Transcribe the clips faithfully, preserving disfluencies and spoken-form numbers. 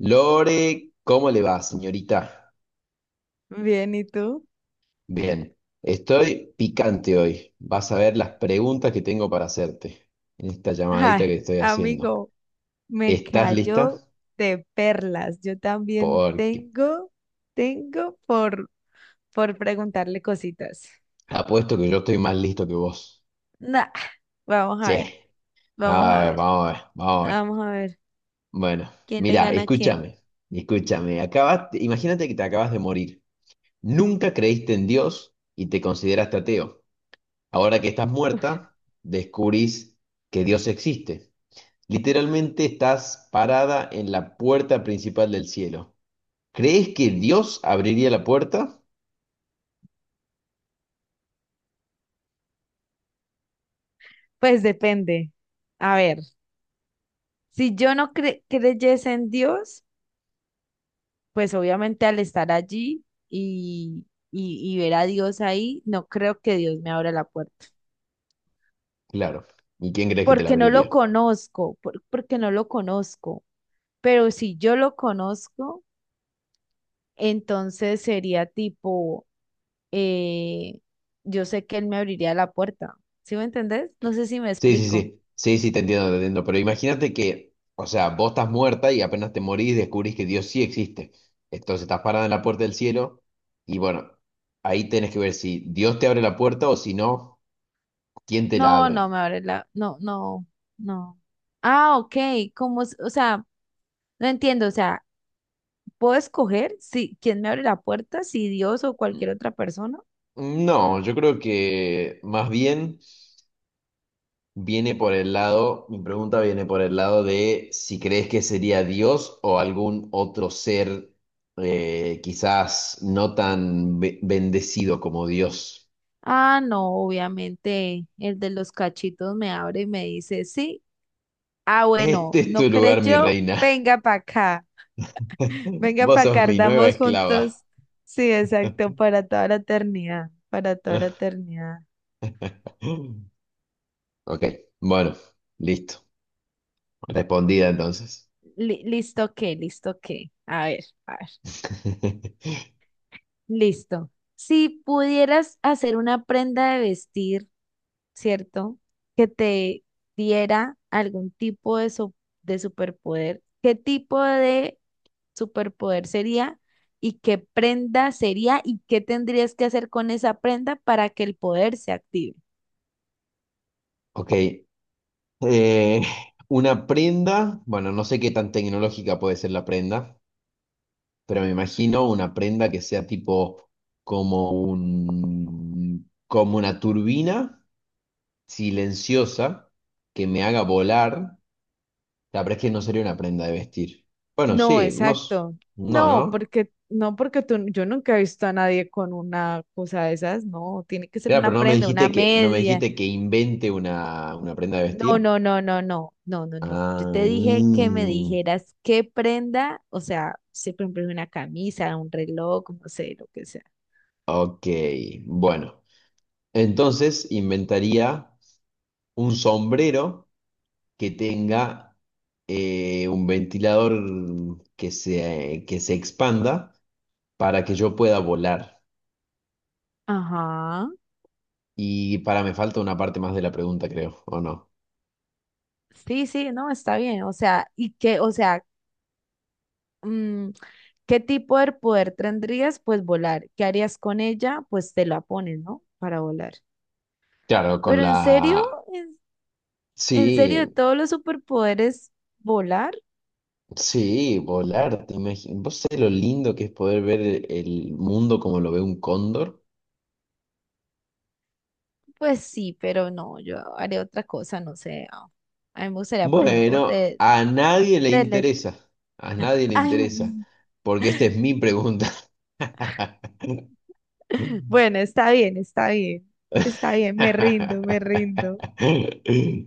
Lore, ¿cómo le va, señorita? Bien, ¿y tú? Bien, estoy picante hoy. Vas a ver las preguntas que tengo para hacerte en esta Ay, llamadita que estoy haciendo. amigo, me ¿Estás cayó lista? de perlas. Yo también Porque tengo, tengo por, por preguntarle cositas. apuesto que yo estoy más listo que vos. Nah, vamos a Sí, ver, vamos a a ver, ver, vamos a ver, vamos a ver. vamos a ver. Bueno, ¿Quién le mira, gana a quién? escúchame, escúchame. Acabas, imagínate que te acabas de morir. Nunca creíste en Dios y te consideraste ateo. Ahora que estás muerta, descubrís que Dios existe. Literalmente estás parada en la puerta principal del cielo. ¿Crees que Dios abriría la puerta? Pues depende. A ver, si yo no cre- creyese en Dios, pues obviamente al estar allí y, y, y ver a Dios ahí, no creo que Dios me abra la puerta. Claro. ¿Y quién crees que te la Porque no lo abriría? conozco, por- porque no lo conozco. Pero si yo lo conozco, entonces sería tipo, eh, yo sé que él me abriría la puerta. ¿Sí me entendés? No sé si me Sí, sí, explico. sí. Sí, sí, te entiendo, te entiendo. Pero imagínate que, o sea, vos estás muerta y apenas te morís descubrís que Dios sí existe. Entonces estás parada en la puerta del cielo y bueno, ahí tenés que ver si Dios te abre la puerta o si no, ¿quién te la No, abre? no me abre la, no, no, no. Ah, ok, como, s- o sea, no entiendo, o sea, ¿puedo escoger si quién me abre la puerta, si Dios o Mm, cualquier otra persona? No, yo creo que más bien... Viene por el lado, mi pregunta viene por el lado de si crees que sería Dios o algún otro ser eh, quizás no tan be- bendecido como Dios. Ah, no, obviamente el de los cachitos me abre y me dice, sí. Ah, bueno, Este es no tu lugar, mi creyó, reina. venga para acá. Venga Vos para sos acá, mi nueva ardamos esclava. juntos. Sí, exacto, para toda la eternidad, para toda la eternidad. Ok, bueno, listo. Respondida entonces. Li- listo qué, listo qué. A ver, a ver. Listo. Si pudieras hacer una prenda de vestir, ¿cierto? Que te diera algún tipo de, su- de superpoder, ¿qué tipo de superpoder sería? ¿Y qué prenda sería? ¿Y qué tendrías que hacer con esa prenda para que el poder se active? Ok. eh, una prenda, bueno, no sé qué tan tecnológica puede ser la prenda. Pero me imagino una prenda que sea tipo como un, como una turbina silenciosa que me haga volar. La verdad es que no sería una prenda de vestir. Bueno, No, sí, no, s- exacto. no, No, ¿no? porque no porque tú, yo nunca he visto a nadie con una cosa de esas, no, tiene que ser Claro, una pero no me prenda, una dijiste que, no me media. dijiste que invente una, una prenda de vestir. No, no, no, no, no, no, no, no. Yo Ah, te dije que me mm, dijeras qué prenda, o sea, si por ejemplo es una camisa, un reloj, no sé, lo que sea. ok, bueno. Entonces inventaría un sombrero que tenga eh, un ventilador que se, que se expanda para que yo pueda volar. Ajá. Y para me falta una parte más de la pregunta, creo, ¿o no? Sí, sí, no, está bien. O sea, y que, o sea, mm, ¿qué tipo de poder tendrías? Pues volar. ¿Qué harías con ella? Pues te la pones, ¿no? Para volar. Claro, con Pero en serio, la... en, en serio, de Sí, todos los superpoderes, volar, sí, volar. ¿Te imagi- ¿Vos sabés lo lindo que es poder ver el el mundo como lo ve un cóndor? pues sí, pero no, yo haría otra cosa, no sé. A a mí me gustaría, por ejemplo, Bueno, te, a nadie le tele... interesa. A nadie le Ay, interesa. Porque esta es mi pregunta. bueno, está bien, está bien, está bien, me rindo, me rindo,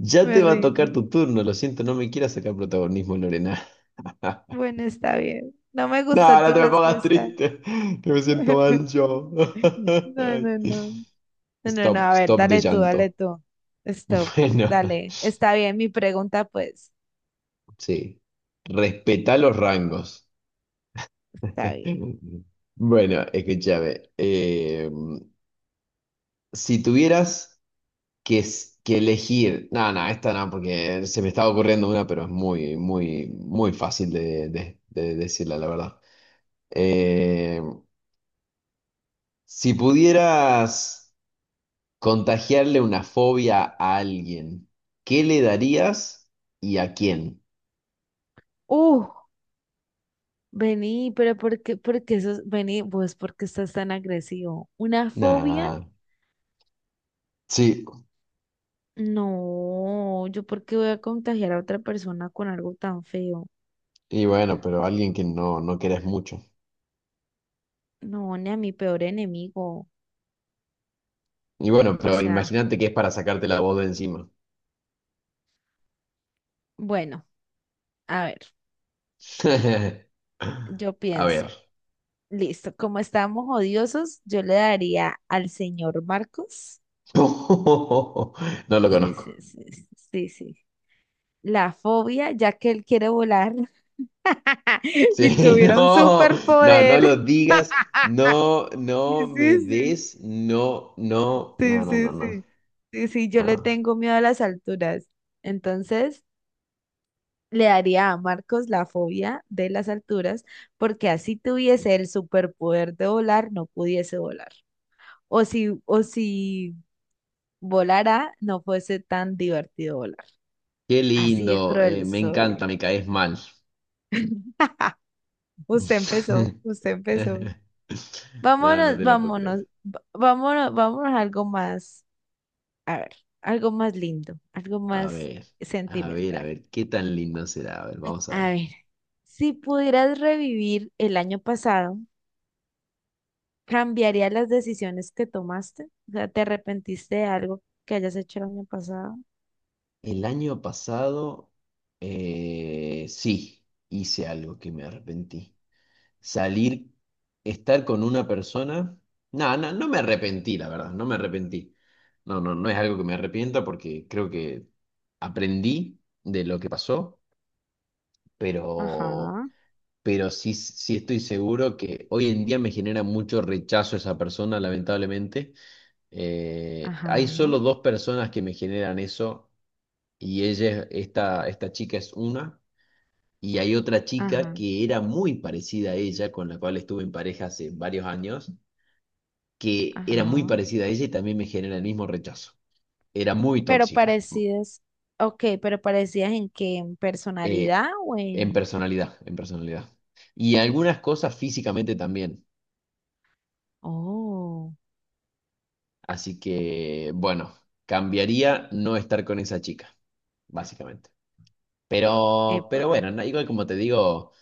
Ya me te va a rindo. tocar tu turno, lo siento, no me quieras sacar protagonismo, Lorena. Bueno, está bien. No me No, gustó no tu te me pongas respuesta. triste, que me siento mal yo. No, Ay. no, no. No, no, no, Stop, a ver, stop de dale tú, dale llanto. tú. Stop, Bueno, dale. Está bien, mi pregunta, pues, sí. Respeta los rangos. está bien. Bueno, escúchame. Eh, si tuvieras que, es- que elegir. No, no, esta no, porque se me estaba ocurriendo una, pero es muy, muy, muy fácil de, de- de decirla, la verdad. Eh, si pudieras contagiarle una fobia a alguien, ¿qué le darías y a quién? Uh, vení, pero ¿por qué, por qué eso, vení, pues, ¿por qué estás tan agresivo? ¿Una fobia? Nah, sí, No, yo por qué voy a contagiar a otra persona con algo tan feo. y bueno, pero alguien que no, no querés mucho. No, ni a mi peor enemigo. Y bueno, O pero sea, imagínate que es para sacarte la voz de encima. bueno, a ver, yo A ver. pienso, listo, como estamos odiosos, yo le daría al señor Marcos. No lo Sí, conozco. sí, sí, sí, sí, sí. La fobia, ya que él quiere volar Sí, y tuviera un no, no, no lo superpoder. digas, no, Sí, no sí, me sí, des, no, no, no, sí, no, sí, no, no, sí, sí, sí, yo le no. tengo miedo a las alturas. Entonces, le daría a Marcos la fobia de las alturas, porque así tuviese el superpoder de volar, no pudiese volar. O si, o si volara, no fuese tan divertido volar. Qué Así de lindo, eh, cruel me soy. encanta, me caes mal. Usted empezó, usted empezó. No, Vámonos, no te lo puedo vámonos, creer. va- vámonos, vámonos a algo más, a ver, algo más lindo, algo A más ver, a ver, a sentimental. ver, qué tan lindo será. A ver, vamos a A ver. ver, si pudieras revivir el año pasado, ¿cambiarías las decisiones que tomaste? O sea, ¿te arrepentiste de algo que hayas hecho el año pasado? El año pasado, eh, sí, hice algo que me arrepentí. Salir, estar con una persona. No, no, no me arrepentí, la verdad, no me arrepentí. No, no, no es algo que me arrepienta porque creo que aprendí de lo que pasó, pero, Ajá, pero sí, sí estoy seguro que hoy en día me genera mucho rechazo esa persona, lamentablemente. Eh, ajá, hay solo dos personas que me generan eso y ella, es- esta, esta chica es una. Y hay otra chica ajá, que era muy parecida a ella, con la cual estuve en pareja hace varios años, que era muy ajá. parecida a ella y también me genera el mismo rechazo. Era muy Pero tóxica, parecidas, ok, pero parecidas en qué, ¿en eh, personalidad o en en...? personalidad, en personalidad. Y algunas cosas físicamente también. Oh, Así que, bueno, cambiaría no estar con esa chica, básicamente. Pero, pero epa. bueno, no, igual como te digo,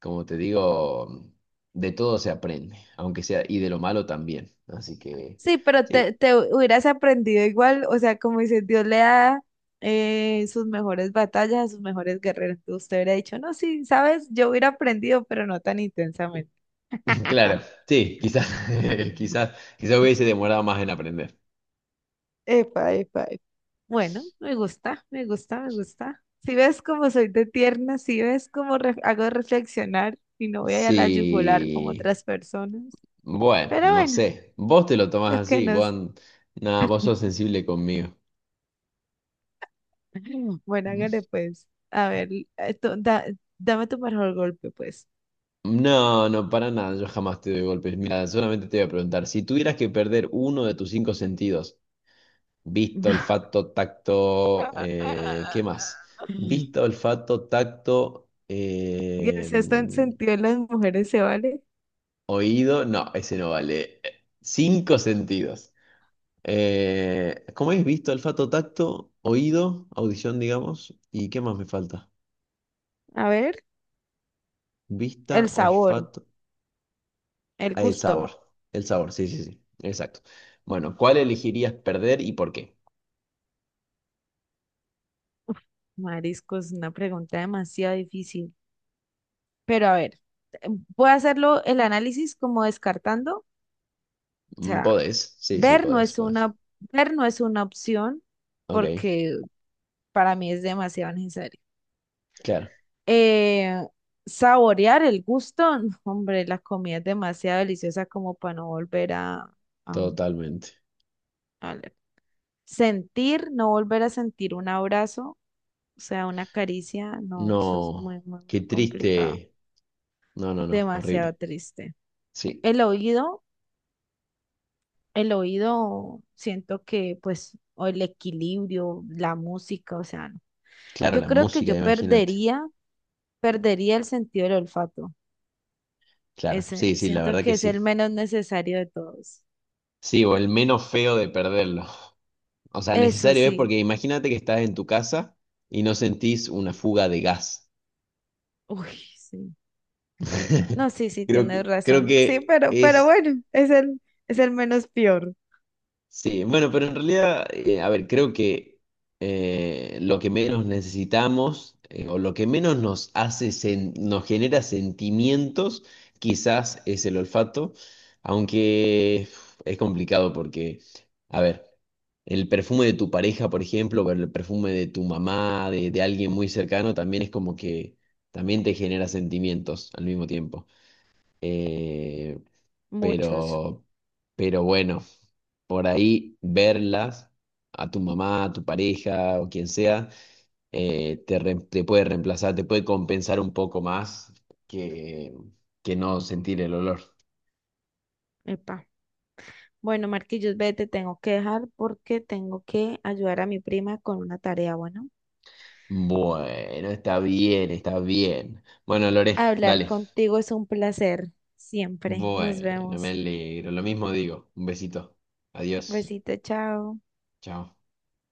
como te digo, de todo se aprende, aunque sea, y de lo malo también. Así que, Sí, pero te, sí, te hubieras aprendido igual, o sea, como dices, Dios le da eh, sus mejores batallas a sus mejores guerreros. Usted hubiera dicho, no, sí, sabes, yo hubiera aprendido, pero no tan intensamente. claro, sí, quizás, Ujú. quizás, quizás hubiese demorado más en aprender. Epa, epa, epa. Bueno, me gusta, me gusta, me gusta. Si ves cómo soy de tierna, si ves cómo re- hago reflexionar y no voy a la yugular como Sí, otras personas. bueno, Pero no bueno, sé. Vos te lo tomás lo que así, vos, nos an- nada, vos sos sensible conmigo. bueno, hágale pues. A ver, esto, da- dame tu mejor golpe, pues. No, no, para nada, yo jamás te doy golpes. Mira, solamente te voy a preguntar, si tuvieras que perder uno de tus cinco sentidos, visto, olfato, tacto, eh, ¿qué más? Y Visto, olfato, tacto, el eh, sexto en- sentido de las mujeres se vale. oído, no, ese no vale. Cinco sentidos. Eh, ¿cómo es? Visto, olfato, tacto, oído, audición, digamos. ¿Y qué más me falta? A ver, el Vista, sabor, olfato. el Ah, el gusto. sabor. El sabor, sí, sí, sí. Exacto. Bueno, ¿cuál elegirías perder y por qué? Uf, mariscos, una pregunta demasiado difícil. Pero a ver, eh, voy a hacerlo el análisis como descartando. O Mm, sea, Podés. Sí, sí, ver no podés, es podés. una, ver no es una opción Ok, porque para mí es demasiado necesario. claro, eh, saborear el gusto, no, hombre, la comida es demasiado deliciosa como para no volver a, a- totalmente. a le- sentir, no volver a sentir un abrazo, o sea, una caricia, no, eso es No, muy, muy, muy qué complicado, triste. No, no, no, demasiado horrible. triste. Sí, El oído, el oído, siento que pues, o el equilibrio, la música, o sea, no. claro, Yo la creo que yo música, imagínate. perdería, perdería el sentido del olfato. Claro, Ese, sí, sí, la siento verdad que que es el sí. menos necesario de todos. Sí, o el menos feo de perderlo. O sea, Eso necesario es sí. porque imagínate que estás en tu casa y no sentís una fuga de gas. Uy, sí. No, sí, sí, Creo que, tienes creo razón. Sí, que pero, pero es, bueno, es el, es el menos peor. sí, bueno, pero en realidad, eh, a ver, creo que eh, lo que menos necesitamos eh, o lo que menos nos hace, sen- nos genera sentimientos, quizás es el olfato, aunque uf, es complicado porque, a ver. El perfume de tu pareja, por ejemplo, o el perfume de tu mamá, de, de alguien muy cercano, también es como que también te genera sentimientos al mismo tiempo. Eh, Muchos. pero, pero bueno, por ahí verlas a tu mamá, a tu pareja o quien sea, eh, te, re- te puede reemplazar, te puede compensar un poco más que, que no sentir el olor. Epa. Bueno, Marquillos, vete, tengo que dejar porque tengo que ayudar a mi prima con una tarea, bueno. Bueno, está bien, está bien. Bueno, Lore, Hablar dale. contigo es un placer, siempre. Nos Bueno, me vemos. alegro. Lo mismo digo. Un besito. Adiós. Besito, chao. Chao.